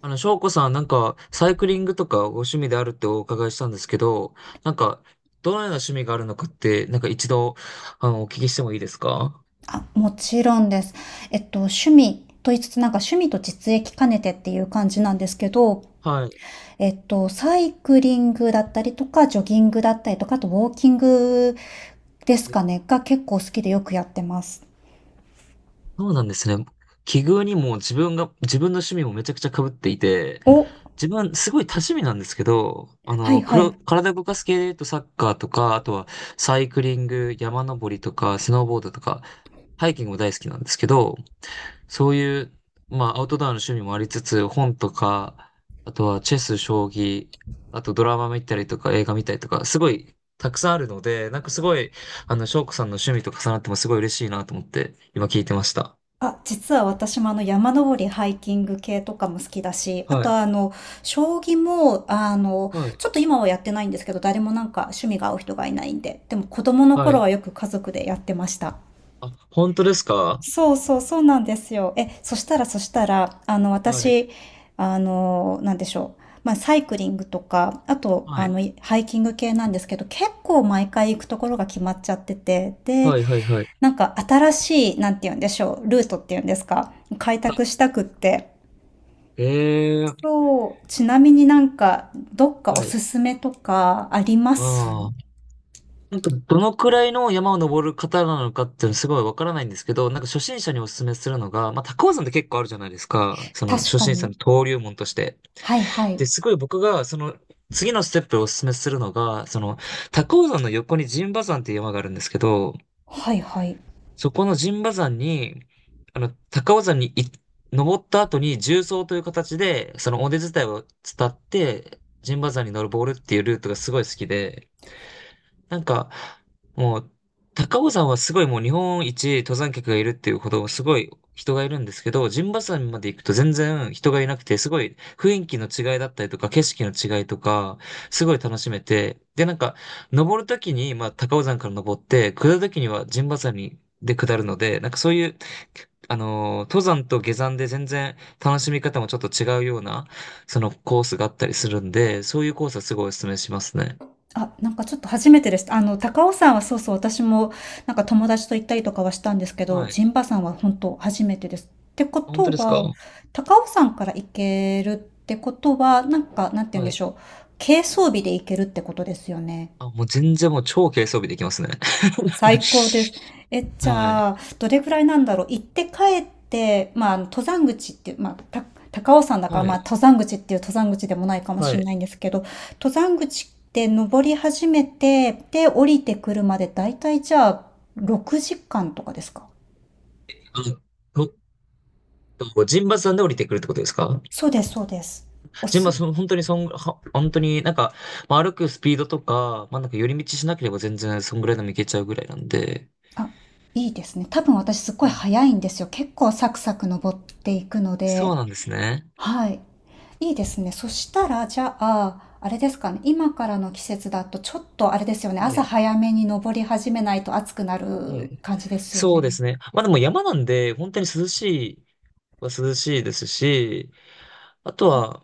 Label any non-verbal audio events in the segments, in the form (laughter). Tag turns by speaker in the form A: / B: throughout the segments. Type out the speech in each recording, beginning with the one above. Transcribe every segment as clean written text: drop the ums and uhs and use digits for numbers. A: 翔子さん、サイクリングとかご趣味であるってお伺いしたんですけど、なんか、どのような趣味があるのかって、なんか一度、お聞きしてもいいですか？
B: あ、もちろんです。趣味と言いつつ、なんか趣味と実益兼ねてっていう感じなんですけど、
A: はい。
B: サイクリングだったりとか、ジョギングだったりとか、あとウォーキングですか
A: え、
B: ね、が結構好きでよくやってます。
A: そうなんですね。奇遇にも自分が、自分の趣味もめちゃくちゃ被っていて、
B: お、
A: 自分、すごい多趣味なんですけど、
B: はいは
A: 黒
B: い。
A: 体動かす系で言うとサッカーとか、あとはサイクリング、山登りとか、スノーボードとか、ハイキングも大好きなんですけど、そういう、まあ、アウトドアの趣味もありつつ、本とか、あとはチェス、将棋、あとドラマ見たりとか映画見たりとか、すごいたくさんあるので、なんかすごい、翔子さんの趣味と重なってもすごい嬉しいなと思って、今聞いてました。
B: あ、実は私もあの山登り、ハイキング系とかも好きだし、あ
A: は
B: と
A: い、
B: あの、将棋も、あの、
A: はい、
B: ちょっと今はやってないんですけど、誰もなんか趣味が合う人がいないんで、でも子供の
A: は
B: 頃
A: い。
B: はよく家族でやってました。
A: あ、本当ですか？
B: そうそうそうなんですよ。え、そしたら、あの、
A: はい、
B: 私、あの、なんでしょう。まあ、サイクリングとか、あと、
A: は
B: あ
A: い、
B: の、ハイキング系なんですけど、結構毎回行くところが決まっちゃってて、で、
A: はい、はい、はい。
B: なんか新しい、なんて言うんでしょう、ルートっていうんですか、開拓したくって。
A: ええー、
B: そう、ちなみになんか、どっかお
A: はい。
B: すすめとかありま
A: あ
B: す？
A: あ。なんか、どのくらいの山を登る方なのかっていうのすごいわからないんですけど、なんか初心者にお勧めするのが、まあ、高尾山って結構あるじゃないですか。その
B: 確
A: 初
B: か
A: 心者
B: に。
A: の登竜門として。
B: はいはい。
A: で、すごい僕が、その、次のステップをお勧めするのが、その、高尾山の横に陣馬山っていう山があるんですけど、
B: はいはい。
A: そこの陣馬山に、あの、高尾山にい登った後に縦走という形で、その尾根伝いを伝って、陣馬山に登るボールっていうルートがすごい好きで、なんか、もう、高尾山はすごいもう日本一登山客がいるっていうほどすごい人がいるんですけど、陣馬山まで行くと全然人がいなくて、すごい雰囲気の違いだったりとか、景色の違いとか、すごい楽しめて、で、なんか、登るときに、まあ、高尾山から登って、下るときには陣馬山に、で下るので、なんかそういう、登山と下山で全然楽しみ方もちょっと違うような、そのコースがあったりするんで、そういうコースはすごいお勧めしますね。
B: あ、なんかちょっと初めてです。あの、高尾山はそうそう、私もなんか友達と行ったりとかはしたんですけど、
A: はい。
B: 陣馬山は本当初めてです。ってこ
A: 本当
B: と
A: ですか？
B: は、高尾山から行けるってことは、なんか、なんて言うん
A: は
B: でし
A: い。
B: ょう。軽装備で行けるってことですよね。
A: あ、もう全然もう超軽装備できますね。
B: 最高です。
A: (laughs)
B: え、じ
A: はい。
B: ゃあ、どれぐらいなんだろう。行って帰って、まあ、あの登山口っていう、まあ、高尾山だから、
A: は
B: まあ、
A: い。
B: 登山口っていう登山口でもないかも
A: は
B: しれ
A: い。
B: ないんですけど、登山口って登り始めて、で、降りてくるまで、だいたいじゃあ、6時間とかですか？
A: あ、ちょっと、陣馬山で降りてくるってことですか？
B: そうです、そうです。お
A: 陣馬、
B: す、
A: その本当にそん、は、本当になんか、まあ、歩くスピードとか、まあ、なんか寄り道しなければ全然そんぐらいでも行けちゃうぐらいなんで。
B: あ、いいですね。多分私すっごい
A: はい。
B: 早いんですよ。結構サクサク登っていくの
A: そ
B: で、
A: うなんですね。
B: はい。いいですね。そしたら、じゃあ、あれですかね、今からの季節だとちょっとあれですよね、
A: は
B: 朝
A: い。
B: 早めに登り始めないと暑くな
A: は
B: る
A: い。
B: 感じですよ
A: そうで
B: ね。
A: すね。まあでも山なんで、本当に涼しいは涼しいですし、あとは、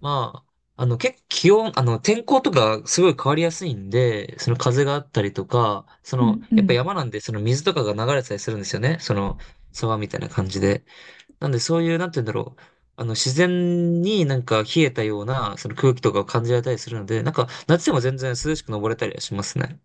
A: まあ、結構気温、天候とかすごい変わりやすいんで、その風があったりとか、そ
B: う
A: の、
B: んう
A: やっぱ
B: ん。
A: 山なんで、その水とかが流れてたりするんですよね。その、沢みたいな感じで。なんで、そういう、なんて言うんだろう。自然になんか冷えたような、その空気とかを感じられたりするので、なんか、夏でも全然涼しく登れたりはしますね。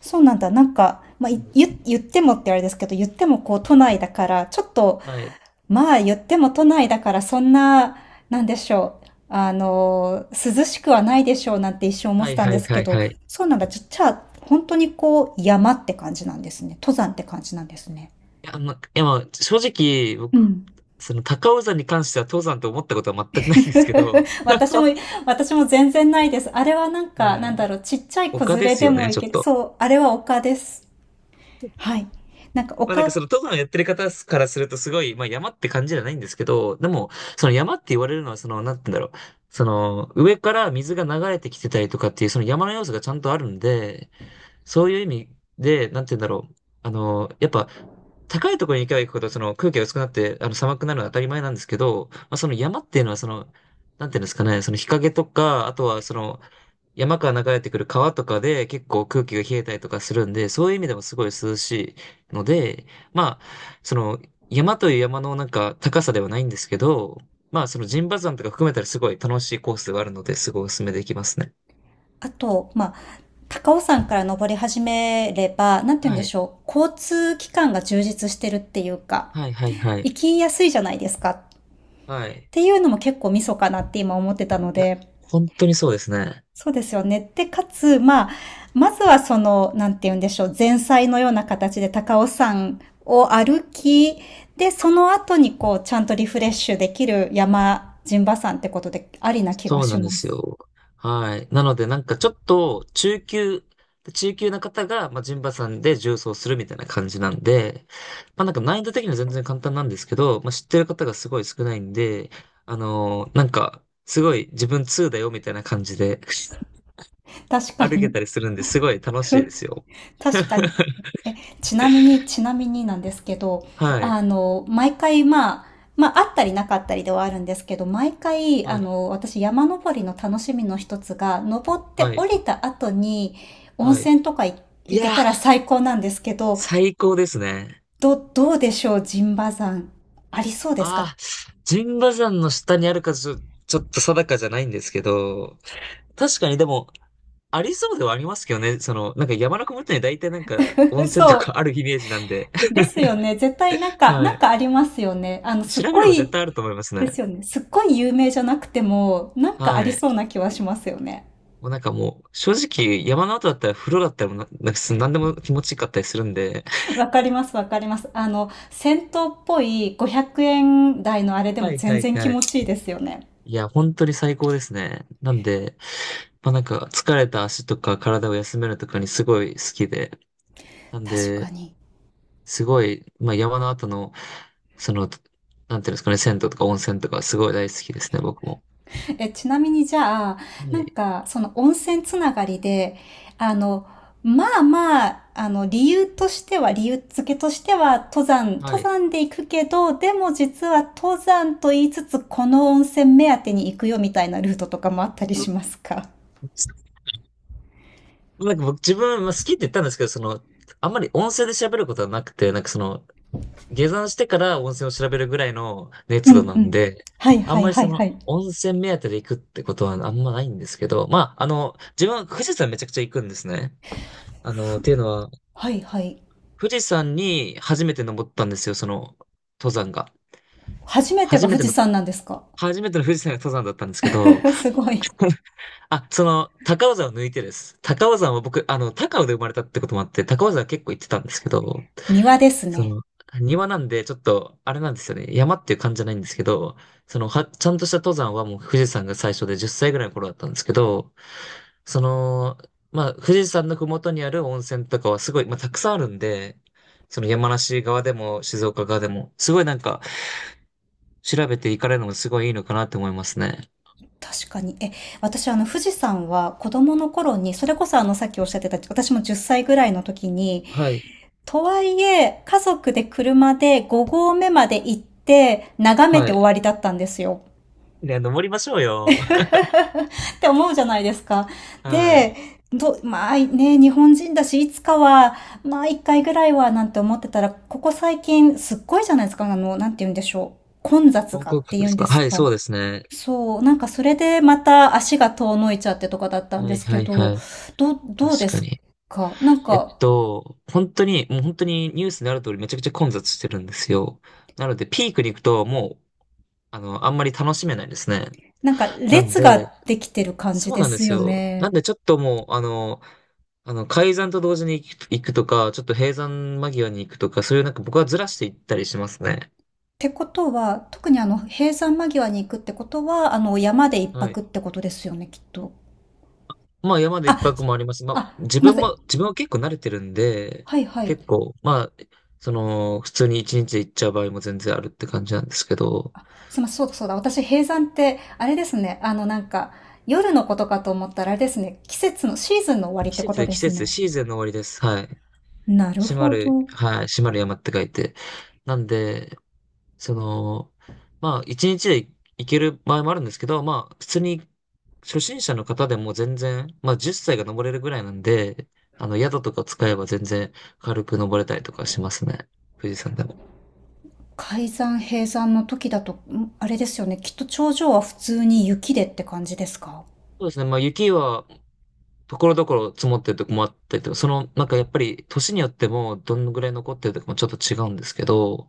B: そうなんだ。なんか、まあ、言ってもってあれですけど、言ってもこう都内だから、ちょっと、
A: はい。
B: まあ言っても都内だからそんな、なんでしょう。あの、涼しくはないでしょうなんて一瞬思っ
A: は
B: て
A: い
B: たん
A: は
B: で
A: い
B: す
A: は
B: け
A: い
B: ど、
A: はい。
B: そうなんだ。じゃあ、本当にこう山って感じなんですね。登山って感じなんですね。
A: いやまあ、正直、
B: う
A: 僕、
B: ん。
A: その高尾山に関しては登山と思ったことは全くないんですけど、
B: (laughs) 私も、私も全然ないです。あれはなんか、
A: は
B: なん
A: い。
B: だろう、ちっちゃい子
A: 丘
B: 連
A: で
B: れ
A: す
B: で
A: よ
B: も
A: ね、
B: い
A: ちょっ
B: ける。
A: と。
B: そう、あれは丘です。はい。なんか
A: まあなんか
B: 丘、
A: その登山やってる方からするとすごい、まあ山って感じじゃないんですけど、でも、その山って言われるのはその、なんて言うんだろう。その、上から水が流れてきてたりとかっていう、その山の要素がちゃんとあるんで、そういう意味で、なんて言うんだろう。やっぱ、高いところに行けば行くほど、その空気が薄くなって、寒くなるのは当たり前なんですけど、まあ、その山っていうのは、その、なんていうんですかね、その日陰とか、あとはその、山から流れてくる川とかで結構空気が冷えたりとかするんで、そういう意味でもすごい涼しいので、まあ、その、山という山のなんか高さではないんですけど、まあ、その陣馬山とか含めたらすごい楽しいコースがあるので、すごいお勧めできますね。
B: あと、まあ、高尾山から登り始めれば、なんて言うんで
A: はい。
B: しょう、交通機関が充実してるっていうか、
A: はい、はい、はい。
B: 行きやすいじゃないですか。っ
A: はい。
B: ていうのも結構ミソかなって今思ってたの
A: いや、
B: で、
A: 本当にそうですね。
B: そうですよね。で、かつ、まあ、まずはその、なんて言うんでしょう、前菜のような形で高尾山を歩き、で、その後にこう、ちゃんとリフレッシュできる山、陣馬山ってことでありな気が
A: そうな
B: し
A: ん
B: ま
A: です
B: す。
A: よ。はい。なので、なんかちょっと中級、中級な方が、まあ、ジンバさんで重装するみたいな感じなんで、まあ、なんか難易度的には全然簡単なんですけど、まあ、知ってる方がすごい少ないんで、なんか、すごい自分2だよみたいな感じで
B: 確
A: (laughs)
B: か
A: 歩け
B: に。
A: たりするんですごい楽しいですよ。
B: (laughs) 確かに。ちなみになんですけど、
A: はい。
B: あの、毎回まあ、まあ、あったりなかったりではあるんですけど、毎回、
A: は
B: あ
A: い。
B: の、私山登りの楽しみの一つが、登って
A: は
B: 降
A: い。
B: りた後に温
A: はい。
B: 泉とか
A: い
B: 行け
A: や
B: たら
A: ー、
B: 最高なんですけど、
A: 最高ですね。
B: どうでしょう、陣馬山。ありそうですか？
A: ああ、神馬山の下にあるかちょ、ちょっと定かじゃないんですけど、確かにでも、ありそうではありますけどね。その、なんか山の麓には大体なんか温
B: (laughs)
A: 泉と
B: そ
A: かあるイメージなんで。
B: う。で
A: (laughs)
B: すよね。絶対なんか、な
A: は
B: ん
A: い。
B: かありますよね。あの、す
A: 調
B: っ
A: べ
B: ご
A: れば絶
B: い、
A: 対あると思います
B: です
A: ね。
B: よね。すっごい有名じゃなくても、なんかあ
A: は
B: り
A: い。
B: そうな気はしますよね。
A: もうなんかもう、正直山の後だったら風呂だったらもうな、なんかす何でも気持ちよかったりするんで。
B: (laughs) わかります、わかります。あの、銭湯っぽい500円台のあれで
A: は
B: も
A: いは
B: 全
A: い
B: 然気
A: は
B: 持
A: い。
B: ちいいですよね。
A: いや、本当に最高ですね。なんで、まあなんか疲れた足とか体を休めるとかにすごい好きで。なん
B: 確か
A: で、
B: に。
A: すごい、まあ、山の後の、その、なんていうんですかね、銭湯とか温泉とかすごい大好きですね、僕も。
B: え、ちなみにじゃあ、
A: は
B: なん
A: い。
B: か、その温泉つながりで、あの、まあまあ、あの、理由としては、理由付けとしては、登山、
A: は
B: 登
A: い。
B: 山で行くけど、でも実は登山と言いつつ、この温泉目当てに行くよみたいなルートとかもあったりし
A: う、
B: ますか？
A: なんか僕自分、まあ、好きって言ったんですけど、その、あんまり温泉で調べることはなくて、なんかその、下山してから温泉を調べるぐらいの
B: う
A: 熱度
B: んう
A: なん
B: ん。
A: で、
B: はい
A: あ
B: は
A: ん
B: い
A: まり
B: は
A: そ
B: い
A: の、
B: はい。
A: 温泉目当てで行くってことはあんまないんですけど、まあ、自分は富士山めちゃくちゃ行くんですね。っていうのは、
B: はいはい。
A: 富士山に初めて登ったんですよ、その、登山が。
B: 初めてが
A: 初め
B: 富
A: て
B: 士
A: の
B: 山なんですか？
A: 初めての富士山が登山だったんですけど、
B: (laughs) すごい。
A: (laughs) あ、その、高尾山を抜いてです。高尾山は僕、高尾で生まれたってこともあって、高尾山は結構行ってたんですけど、
B: 庭です
A: そ
B: ね。
A: の、庭なんで、ちょっと、あれなんですよね。山っていう感じじゃないんですけど、ちゃんとした登山はもう富士山が最初で10歳ぐらいの頃だったんですけど、その、まあ、富士山の麓にある温泉とかはすごい、まあ、たくさんあるんで、その山梨側でも静岡側でも、すごいなんか、調べて行かれるのもすごいいいのかなって思いますね。
B: 確かに。え、私、あの、富士山は子供の頃に、それこそあの、さっきおっしゃってた、私も10歳ぐらいの時に、
A: はい。
B: とはいえ、家族で車で5合目まで行って、眺め
A: は
B: て終
A: い。
B: わりだったんですよ。
A: いや、登りましょう
B: (laughs)
A: よ。
B: って思うじゃないですか。
A: は
B: で、
A: い。
B: まあね、日本人だし、いつかは、まあ一回ぐらいは、なんて思ってたら、ここ最近、すっごいじゃないですか、あの、なんて言うんでしょう。混雑
A: 観
B: がっ
A: 光客
B: て言
A: で
B: う
A: す
B: んで
A: か？
B: す
A: はい、
B: か。
A: そうですね。
B: そう、なんかそれでまた足が遠のいちゃってとかだったん
A: は
B: で
A: い
B: すけ
A: はいは
B: ど、
A: い。
B: どう
A: 確
B: で
A: か
B: す
A: に。
B: か？なんか、
A: 本当に、もう本当にニュースになる通りめちゃくちゃ混雑してるんですよ。なので、ピークに行くともう、あんまり楽しめないですね。
B: なんか
A: なん
B: 列
A: で、
B: ができてる感じ
A: そう
B: で
A: なんで
B: す
A: す
B: よ
A: よ。なん
B: ね。
A: でちょっともう、開山と同時に行くとか、ちょっと閉山間際に行くとか、そういうなんか僕はずらしていったりしますね。
B: ってことは、特にあの、閉山間際に行くってことは、あの、山で一
A: は
B: 泊
A: い。
B: ってことですよね、きっと。
A: まあ山で一
B: あ、
A: 泊もあります。まあ
B: あ、
A: 自
B: ごめん
A: 分
B: なさい。
A: も、自分は結構慣れてるんで、
B: はいはい。
A: 結構、まあ、その、普通に一日で行っちゃう場合も全然あるって感じなんですけど、
B: すいません、そうだそうだ。私、閉山って、あれですね。あの、なんか、夜のことかと思ったら、あれですね。季節の、シーズンの終わりってことで
A: 季
B: す
A: 節、
B: ね。
A: シーズンの終わりです。はい。
B: なる
A: 閉ま
B: ほ
A: る、
B: ど。
A: はい、閉まる山って書いて。なんで、その、まあ一日で行ける場合もあるんですけど、まあ普通に初心者の方でも全然、まあ10歳が登れるぐらいなんで、あの宿とか使えば全然軽く登れたりとかしますね。富士山でも。
B: 改ざん閉山の時だと、あれですよね。きっと頂上は普通に雪でって感じですか？
A: そうですね。まあ、雪は、ところどころ積もってるとこもあったりとか、その、なんかやっぱり、年によっても、どのぐらい残ってるとかもちょっと違うんですけど、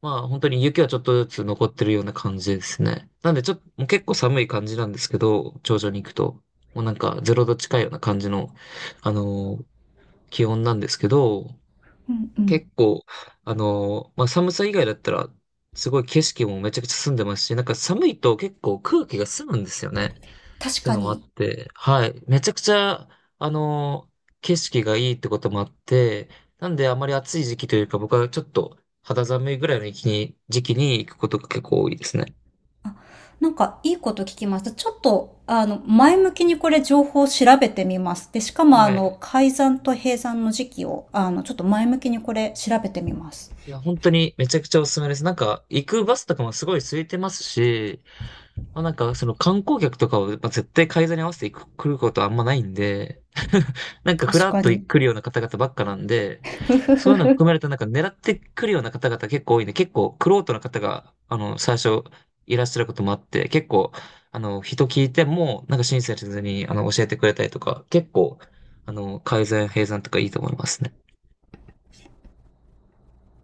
A: まあ、本当に雪はちょっとずつ残ってるような感じですね。なんで、ちょっと、もう結構寒い感じなんですけど、頂上に行くと、もうなんか、ゼロ度近いような感じの、あのー気温なんですけど、
B: うんうん。
A: 結構、まあ、寒さ以外だったら、すごい景色もめちゃくちゃ澄んでますし、なんか寒いと結構空気が澄むんですよね。っ
B: 確
A: ていう
B: か
A: のもあ
B: に。
A: って、はい。めちゃくちゃ、あの、景色がいいってこともあって、なんであまり暑い時期というか、僕はちょっと肌寒いぐらいの時期に行くことが結構多いですね。
B: あ、なんかいいこと聞きました。ちょっと、あの、前向きにこれ情報を調べてみます。で、しかもあ
A: はい。
B: の、改ざんと閉山の時期を、あの、ちょっと前向きにこれ調べてみます。
A: いや、本当にめちゃくちゃおすすめです。なんか、行くバスとかもすごい空いてますし、まあ、なんか、その観光客とかを、まあ、絶対改ざに合わせてく来ることはあんまないんで、(laughs) なんかふ
B: 確
A: らっ
B: か
A: と
B: に。
A: 来るような方々ばっかなんで、
B: (laughs) ふ
A: そう
B: ふ
A: いうの
B: ふ。
A: 含めるとなんか狙ってくるような方々結構多いんで、結構玄人の方が、最初いらっしゃることもあって、結構、人聞いても、なんか親切に、教えてくれたりとか、結構、改ざん、閉山とかいいと思いますね。